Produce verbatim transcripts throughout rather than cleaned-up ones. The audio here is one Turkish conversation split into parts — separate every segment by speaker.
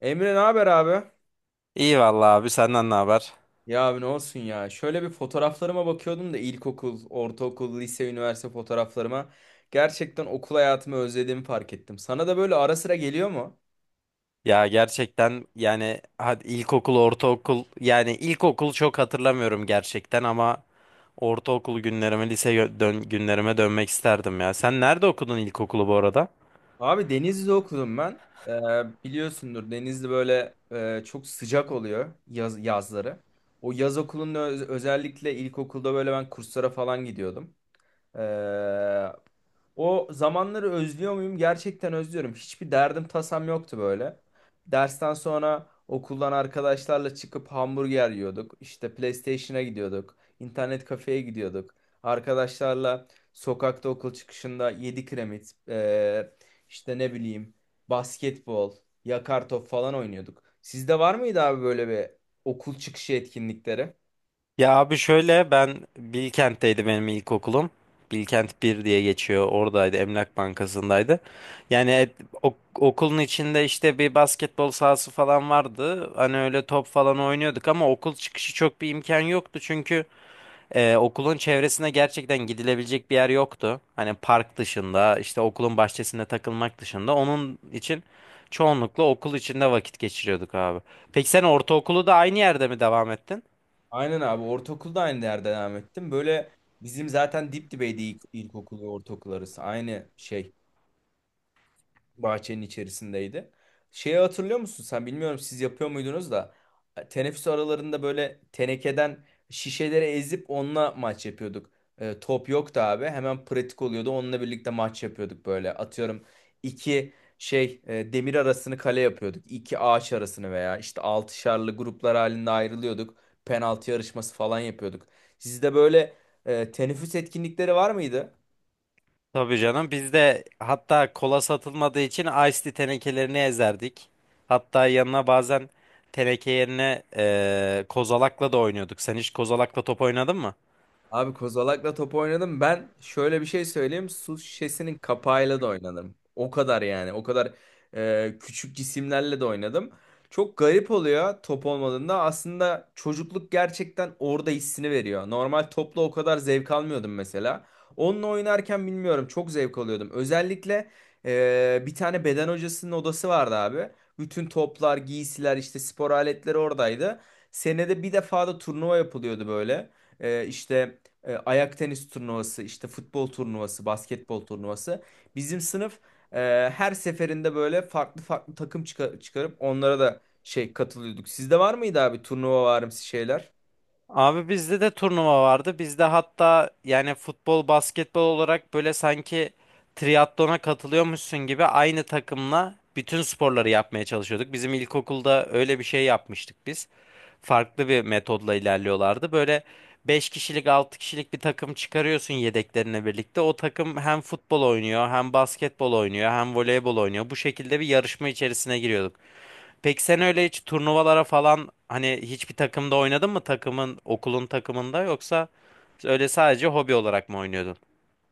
Speaker 1: Emre ne haber abi?
Speaker 2: İyi vallahi abi senden ne haber?
Speaker 1: Ya abi ne olsun ya. Şöyle bir fotoğraflarıma bakıyordum da ilkokul, ortaokul, lise, üniversite fotoğraflarıma. Gerçekten okul hayatımı özlediğimi fark ettim. Sana da böyle ara sıra geliyor mu?
Speaker 2: Ya gerçekten yani hadi ilkokul, ortaokul yani ilkokul çok hatırlamıyorum gerçekten ama ortaokul günlerime, lise gö- dön günlerime dönmek isterdim ya. Sen nerede okudun ilkokulu bu arada?
Speaker 1: Abi Denizli'de okudum ben. Ee, Biliyorsundur Denizli böyle e, çok sıcak oluyor yaz, yazları. O yaz okulunda öz- özellikle ilkokulda böyle ben kurslara falan gidiyordum. Ee, O zamanları özlüyor muyum? Gerçekten özlüyorum. Hiçbir derdim tasam yoktu böyle. Dersten sonra okuldan arkadaşlarla çıkıp hamburger yiyorduk. İşte PlayStation'a gidiyorduk. İnternet kafeye gidiyorduk. Arkadaşlarla sokakta okul çıkışında yedi kiremit, ee, işte ne bileyim basketbol, yakar top falan oynuyorduk. Sizde var mıydı abi böyle bir okul çıkışı etkinlikleri?
Speaker 2: Ya abi şöyle ben Bilkent'teydi benim ilkokulum. Bilkent bir diye geçiyor. Oradaydı. Emlak Bankası'ndaydı. Yani et- ok- okulun içinde işte bir basketbol sahası falan vardı. Hani öyle top falan oynuyorduk ama okul çıkışı çok bir imkan yoktu çünkü. Ee, okulun çevresine gerçekten gidilebilecek bir yer yoktu. Hani park dışında, işte okulun bahçesinde takılmak dışında. Onun için çoğunlukla okul içinde vakit geçiriyorduk abi. Peki sen ortaokulu da aynı yerde mi devam ettin?
Speaker 1: Aynen abi ortaokulda aynı yerde devam ettim. Böyle bizim zaten dip dibeydi ilk, ilkokul ve ortaokul arası. Aynı şey bahçenin içerisindeydi. Şeyi hatırlıyor musun sen? Bilmiyorum siz yapıyor muydunuz da e, teneffüs aralarında böyle tenekeden şişeleri ezip onunla maç yapıyorduk. E, top yoktu abi. Hemen pratik oluyordu. Onunla birlikte maç yapıyorduk böyle. Atıyorum iki şey e, demir arasını kale yapıyorduk. İki ağaç arasını veya işte altışarlı gruplar halinde ayrılıyorduk. Penaltı yarışması falan yapıyorduk. Sizde böyle e, teneffüs etkinlikleri var mıydı?
Speaker 2: Tabii canım. Biz de hatta kola satılmadığı için Ice Tea tenekelerini ezerdik. Hatta yanına bazen teneke yerine eee, kozalakla da oynuyorduk. Sen hiç kozalakla top oynadın mı?
Speaker 1: Abi kozalakla top oynadım. Ben şöyle bir şey söyleyeyim. Su şişesinin kapağıyla da oynadım. O kadar yani. O kadar e, küçük cisimlerle de oynadım. Çok garip oluyor top olmadığında. Aslında çocukluk gerçekten orada hissini veriyor. Normal topla o kadar zevk almıyordum mesela. Onunla oynarken bilmiyorum çok zevk alıyordum. Özellikle e, bir tane beden hocasının odası vardı abi. Bütün toplar, giysiler, işte spor aletleri oradaydı. Senede bir defa da turnuva yapılıyordu böyle. E, işte e, ayak tenis turnuvası, işte futbol turnuvası, basketbol turnuvası. Bizim sınıf e, her seferinde böyle farklı farklı takım çıka- çıkarıp onlara da şey katılıyorduk. Sizde var mıydı abi turnuva varımsı şeyler?
Speaker 2: Abi bizde de turnuva vardı. Bizde hatta yani futbol, basketbol olarak böyle sanki triatlona katılıyormuşsun gibi aynı takımla bütün sporları yapmaya çalışıyorduk. Bizim ilkokulda öyle bir şey yapmıştık biz. Farklı bir metodla ilerliyorlardı. Böyle beş kişilik, altı kişilik bir takım çıkarıyorsun yedeklerine birlikte. O takım hem futbol oynuyor, hem basketbol oynuyor, hem voleybol oynuyor. Bu şekilde bir yarışma içerisine giriyordu. Peki sen öyle hiç turnuvalara falan hani hiçbir takımda oynadın mı takımın okulun takımında yoksa öyle sadece hobi olarak mı oynuyordun?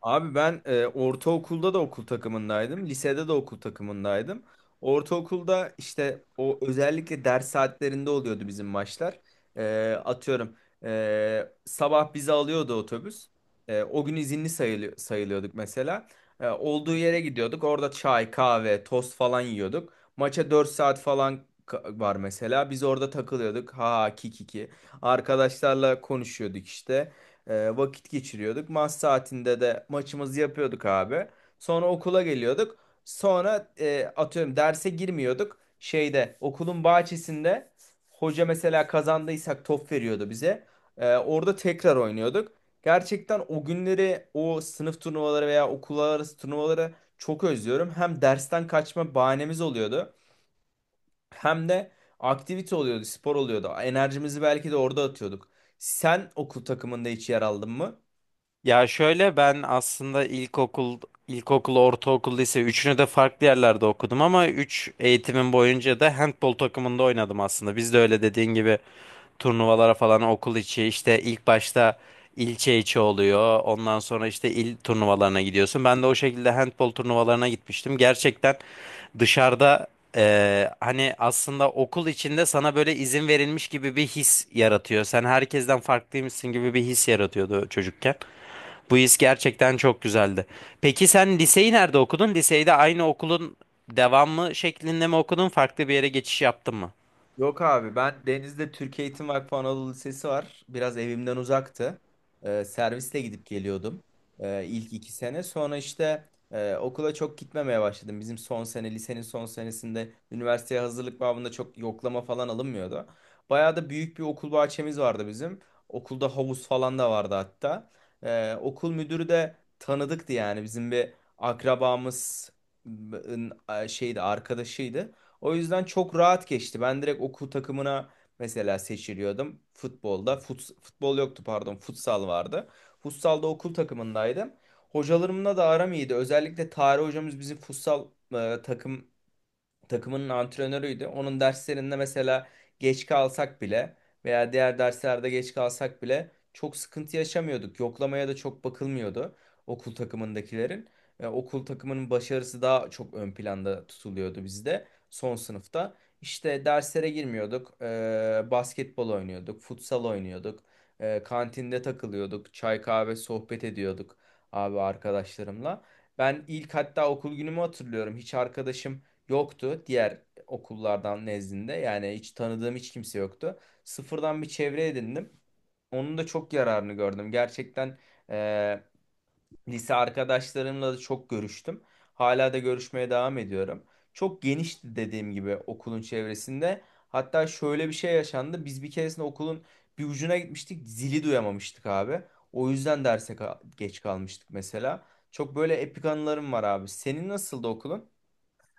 Speaker 1: Abi ben e, ortaokulda da okul takımındaydım. Lisede de okul takımındaydım. Ortaokulda işte o özellikle ders saatlerinde oluyordu bizim maçlar. E, atıyorum e, sabah bizi alıyordu otobüs. E, o gün izinli sayılı- sayılıyorduk mesela. E, olduğu yere gidiyorduk. Orada çay, kahve, tost falan yiyorduk. Maça dört saat falan ka- var mesela. Biz orada takılıyorduk. Ha kikiki. Arkadaşlarla konuşuyorduk işte. E, vakit geçiriyorduk. Maç saatinde de maçımızı yapıyorduk abi. Sonra okula geliyorduk. Sonra e, atıyorum derse girmiyorduk. Şeyde okulun bahçesinde hoca mesela kazandıysak top veriyordu bize. E, orada tekrar oynuyorduk. Gerçekten o günleri o sınıf turnuvaları veya okullar arası turnuvaları çok özlüyorum. Hem dersten kaçma bahanemiz oluyordu. Hem de aktivite oluyordu, spor oluyordu. Enerjimizi belki de orada atıyorduk. Sen okul takımında hiç yer aldın mı?
Speaker 2: Ya şöyle ben aslında ilkokul, ilkokul, ortaokul, lise üçünü de farklı yerlerde okudum ama üç eğitimim boyunca da handbol takımında oynadım aslında. Biz de öyle dediğin gibi turnuvalara falan okul içi işte ilk başta ilçe içi oluyor. Ondan sonra işte il turnuvalarına gidiyorsun. Ben de o şekilde handbol turnuvalarına gitmiştim. Gerçekten dışarıda eee, hani aslında okul içinde sana böyle izin verilmiş gibi bir his yaratıyor. Sen herkesten farklıymışsın gibi bir his yaratıyordu çocukken. Bu his gerçekten çok güzeldi. Peki sen liseyi nerede okudun? Liseyi de aynı okulun devamı şeklinde mi okudun? Farklı bir yere geçiş yaptın mı?
Speaker 1: Yok abi ben Deniz'de Türk Eğitim Vakfı Anadolu Lisesi var. Biraz evimden uzaktı. Ee, servisle gidip geliyordum ee, ilk iki sene. Sonra işte e, okula çok gitmemeye başladım. Bizim son sene lisenin son senesinde üniversiteye hazırlık babında çok yoklama falan alınmıyordu. Bayağı da büyük bir okul bahçemiz vardı bizim. Okulda havuz falan da vardı hatta. Ee, okul müdürü de tanıdıktı yani bizim bir akrabamız şeydi arkadaşıydı. O yüzden çok rahat geçti. Ben direkt okul takımına mesela seçiliyordum. Futbolda. Fut, futbol yoktu pardon. Futsal vardı. Futsalda okul takımındaydım. Hocalarımla da aram iyiydi. Özellikle tarih hocamız bizim futsal e, takım takımının antrenörüydü. Onun derslerinde mesela geç kalsak bile veya diğer derslerde geç kalsak bile çok sıkıntı yaşamıyorduk. Yoklamaya da çok bakılmıyordu okul takımındakilerin. E, okul takımının başarısı daha çok ön planda tutuluyordu bizde son sınıfta. İşte derslere girmiyorduk. E, basketbol oynuyorduk, futsal oynuyorduk. E, kantinde takılıyorduk, çay kahve sohbet ediyorduk abi arkadaşlarımla. Ben ilk hatta okul günümü hatırlıyorum. Hiç arkadaşım yoktu diğer okullardan nezdinde. Yani hiç tanıdığım hiç kimse yoktu. Sıfırdan bir çevre edindim. Onun da çok yararını gördüm. Gerçekten e, lise arkadaşlarımla da çok görüştüm. Hala da görüşmeye devam ediyorum. Çok genişti dediğim gibi okulun çevresinde. Hatta şöyle bir şey yaşandı. Biz bir keresinde okulun bir ucuna gitmiştik. Zili duyamamıştık abi. O yüzden derse ka- geç kalmıştık mesela. Çok böyle epik anılarım var abi. Senin nasıldı okulun?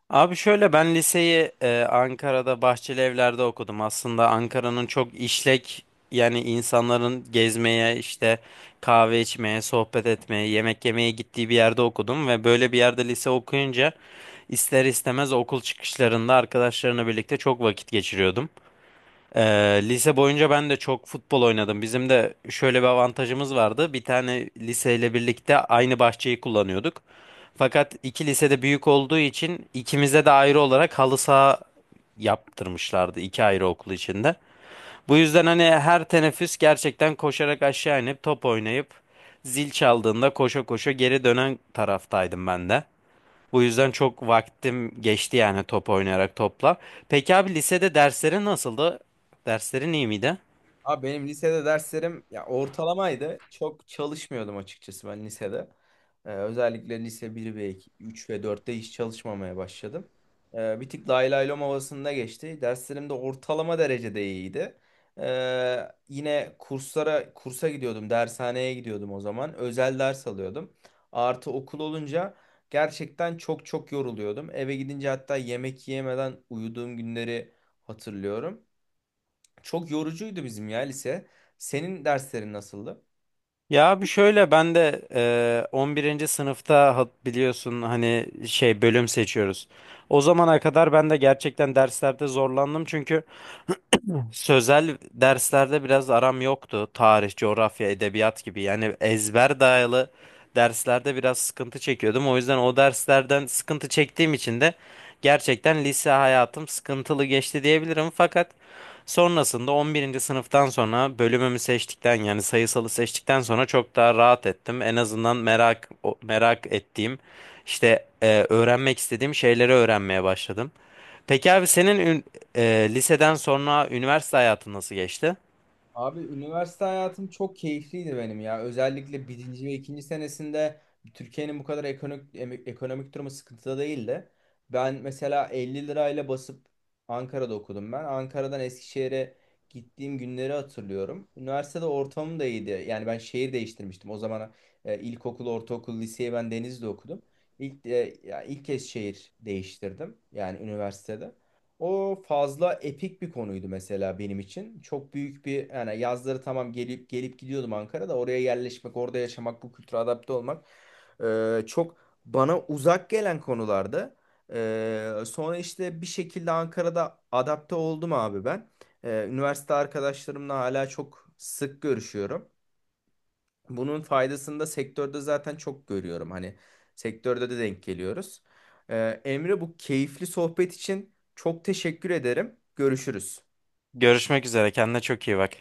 Speaker 2: Abi şöyle ben liseyi e, Ankara'da Bahçeli Evler'de okudum. Aslında Ankara'nın çok işlek yani insanların gezmeye işte kahve içmeye, sohbet etmeye, yemek yemeye gittiği bir yerde okudum ve böyle bir yerde lise okuyunca ister istemez okul çıkışlarında arkadaşlarımla birlikte çok vakit geçiriyordum. Ee, Lise boyunca ben de çok futbol oynadım. Bizim de şöyle bir avantajımız vardı. Bir tane liseyle birlikte aynı bahçeyi kullanıyorduk. Fakat iki lisede büyük olduğu için ikimize de ayrı olarak halı saha yaptırmışlardı iki ayrı okul içinde. Bu yüzden hani her teneffüs gerçekten koşarak aşağı inip top oynayıp zil çaldığında koşa koşa geri dönen taraftaydım ben de. Bu yüzden çok vaktim geçti yani top oynayarak topla. Peki abi lisede derslerin nasıldı? Derslerin iyi miydi?
Speaker 1: Abi benim lisede derslerim ya ortalamaydı. Çok çalışmıyordum açıkçası ben lisede. Ee, özellikle lise bir ve iki üç ve dörtte hiç çalışmamaya başladım. Ee, bir tık lay lay lom havasında geçti. Derslerim de ortalama derecede iyiydi. Ee, yine kurslara kursa gidiyordum, dershaneye gidiyordum o zaman. Özel ders alıyordum. Artı okul olunca gerçekten çok çok yoruluyordum. Eve gidince hatta yemek yemeden uyuduğum günleri hatırlıyorum. Çok yorucuydu bizim ya lise. Senin derslerin nasıldı?
Speaker 2: Ya abi şöyle ben de eee, on birinci sınıfta ha- biliyorsun hani şey bölüm seçiyoruz. O zamana kadar ben de gerçekten derslerde zorlandım çünkü sözel derslerde biraz aram yoktu. Tarih, coğrafya, edebiyat gibi. Yani ezber dayalı derslerde biraz sıkıntı çekiyordum. O yüzden o derslerden sıkıntı çektiğim için de gerçekten lise hayatım sıkıntılı geçti diyebilirim. Fakat sonrasında on birinci sınıftan sonra bölümümü seçtikten yani sayısalı seçtikten sonra çok daha rahat ettim. En azından merak o- merak ettiğim işte e, öğrenmek istediğim şeyleri öğrenmeye başladım. Peki abi senin ee, liseden sonra üniversite hayatın nasıl geçti?
Speaker 1: Abi üniversite hayatım çok keyifliydi benim ya. Özellikle birinci ve ikinci senesinde Türkiye'nin bu kadar ekonomik, em- ekonomik durumu sıkıntıda değildi. Ben mesela 50 lirayla basıp Ankara'da okudum ben. Ankara'dan Eskişehir'e gittiğim günleri hatırlıyorum. Üniversitede ortamım da iyiydi. Yani ben şehir değiştirmiştim. O zaman e, ilkokul, ortaokul, liseyi ben Denizli'de okudum. İlk, e, ya ilk kez şehir değiştirdim. Yani üniversitede. O fazla epik bir konuydu mesela benim için. Çok büyük bir yani yazları tamam gelip gelip gidiyordum Ankara'da. Oraya yerleşmek, orada yaşamak, bu kültüre adapte olmak e, çok bana uzak gelen konulardı. E, sonra işte bir şekilde Ankara'da adapte oldum abi ben. E, üniversite arkadaşlarımla hala çok sık görüşüyorum. Bunun faydasını da sektörde zaten çok görüyorum. Hani sektörde de denk geliyoruz. Ee, Emre bu keyifli sohbet için çok teşekkür ederim. Görüşürüz.
Speaker 2: Görüşmek üzere. Kendine çok iyi bak.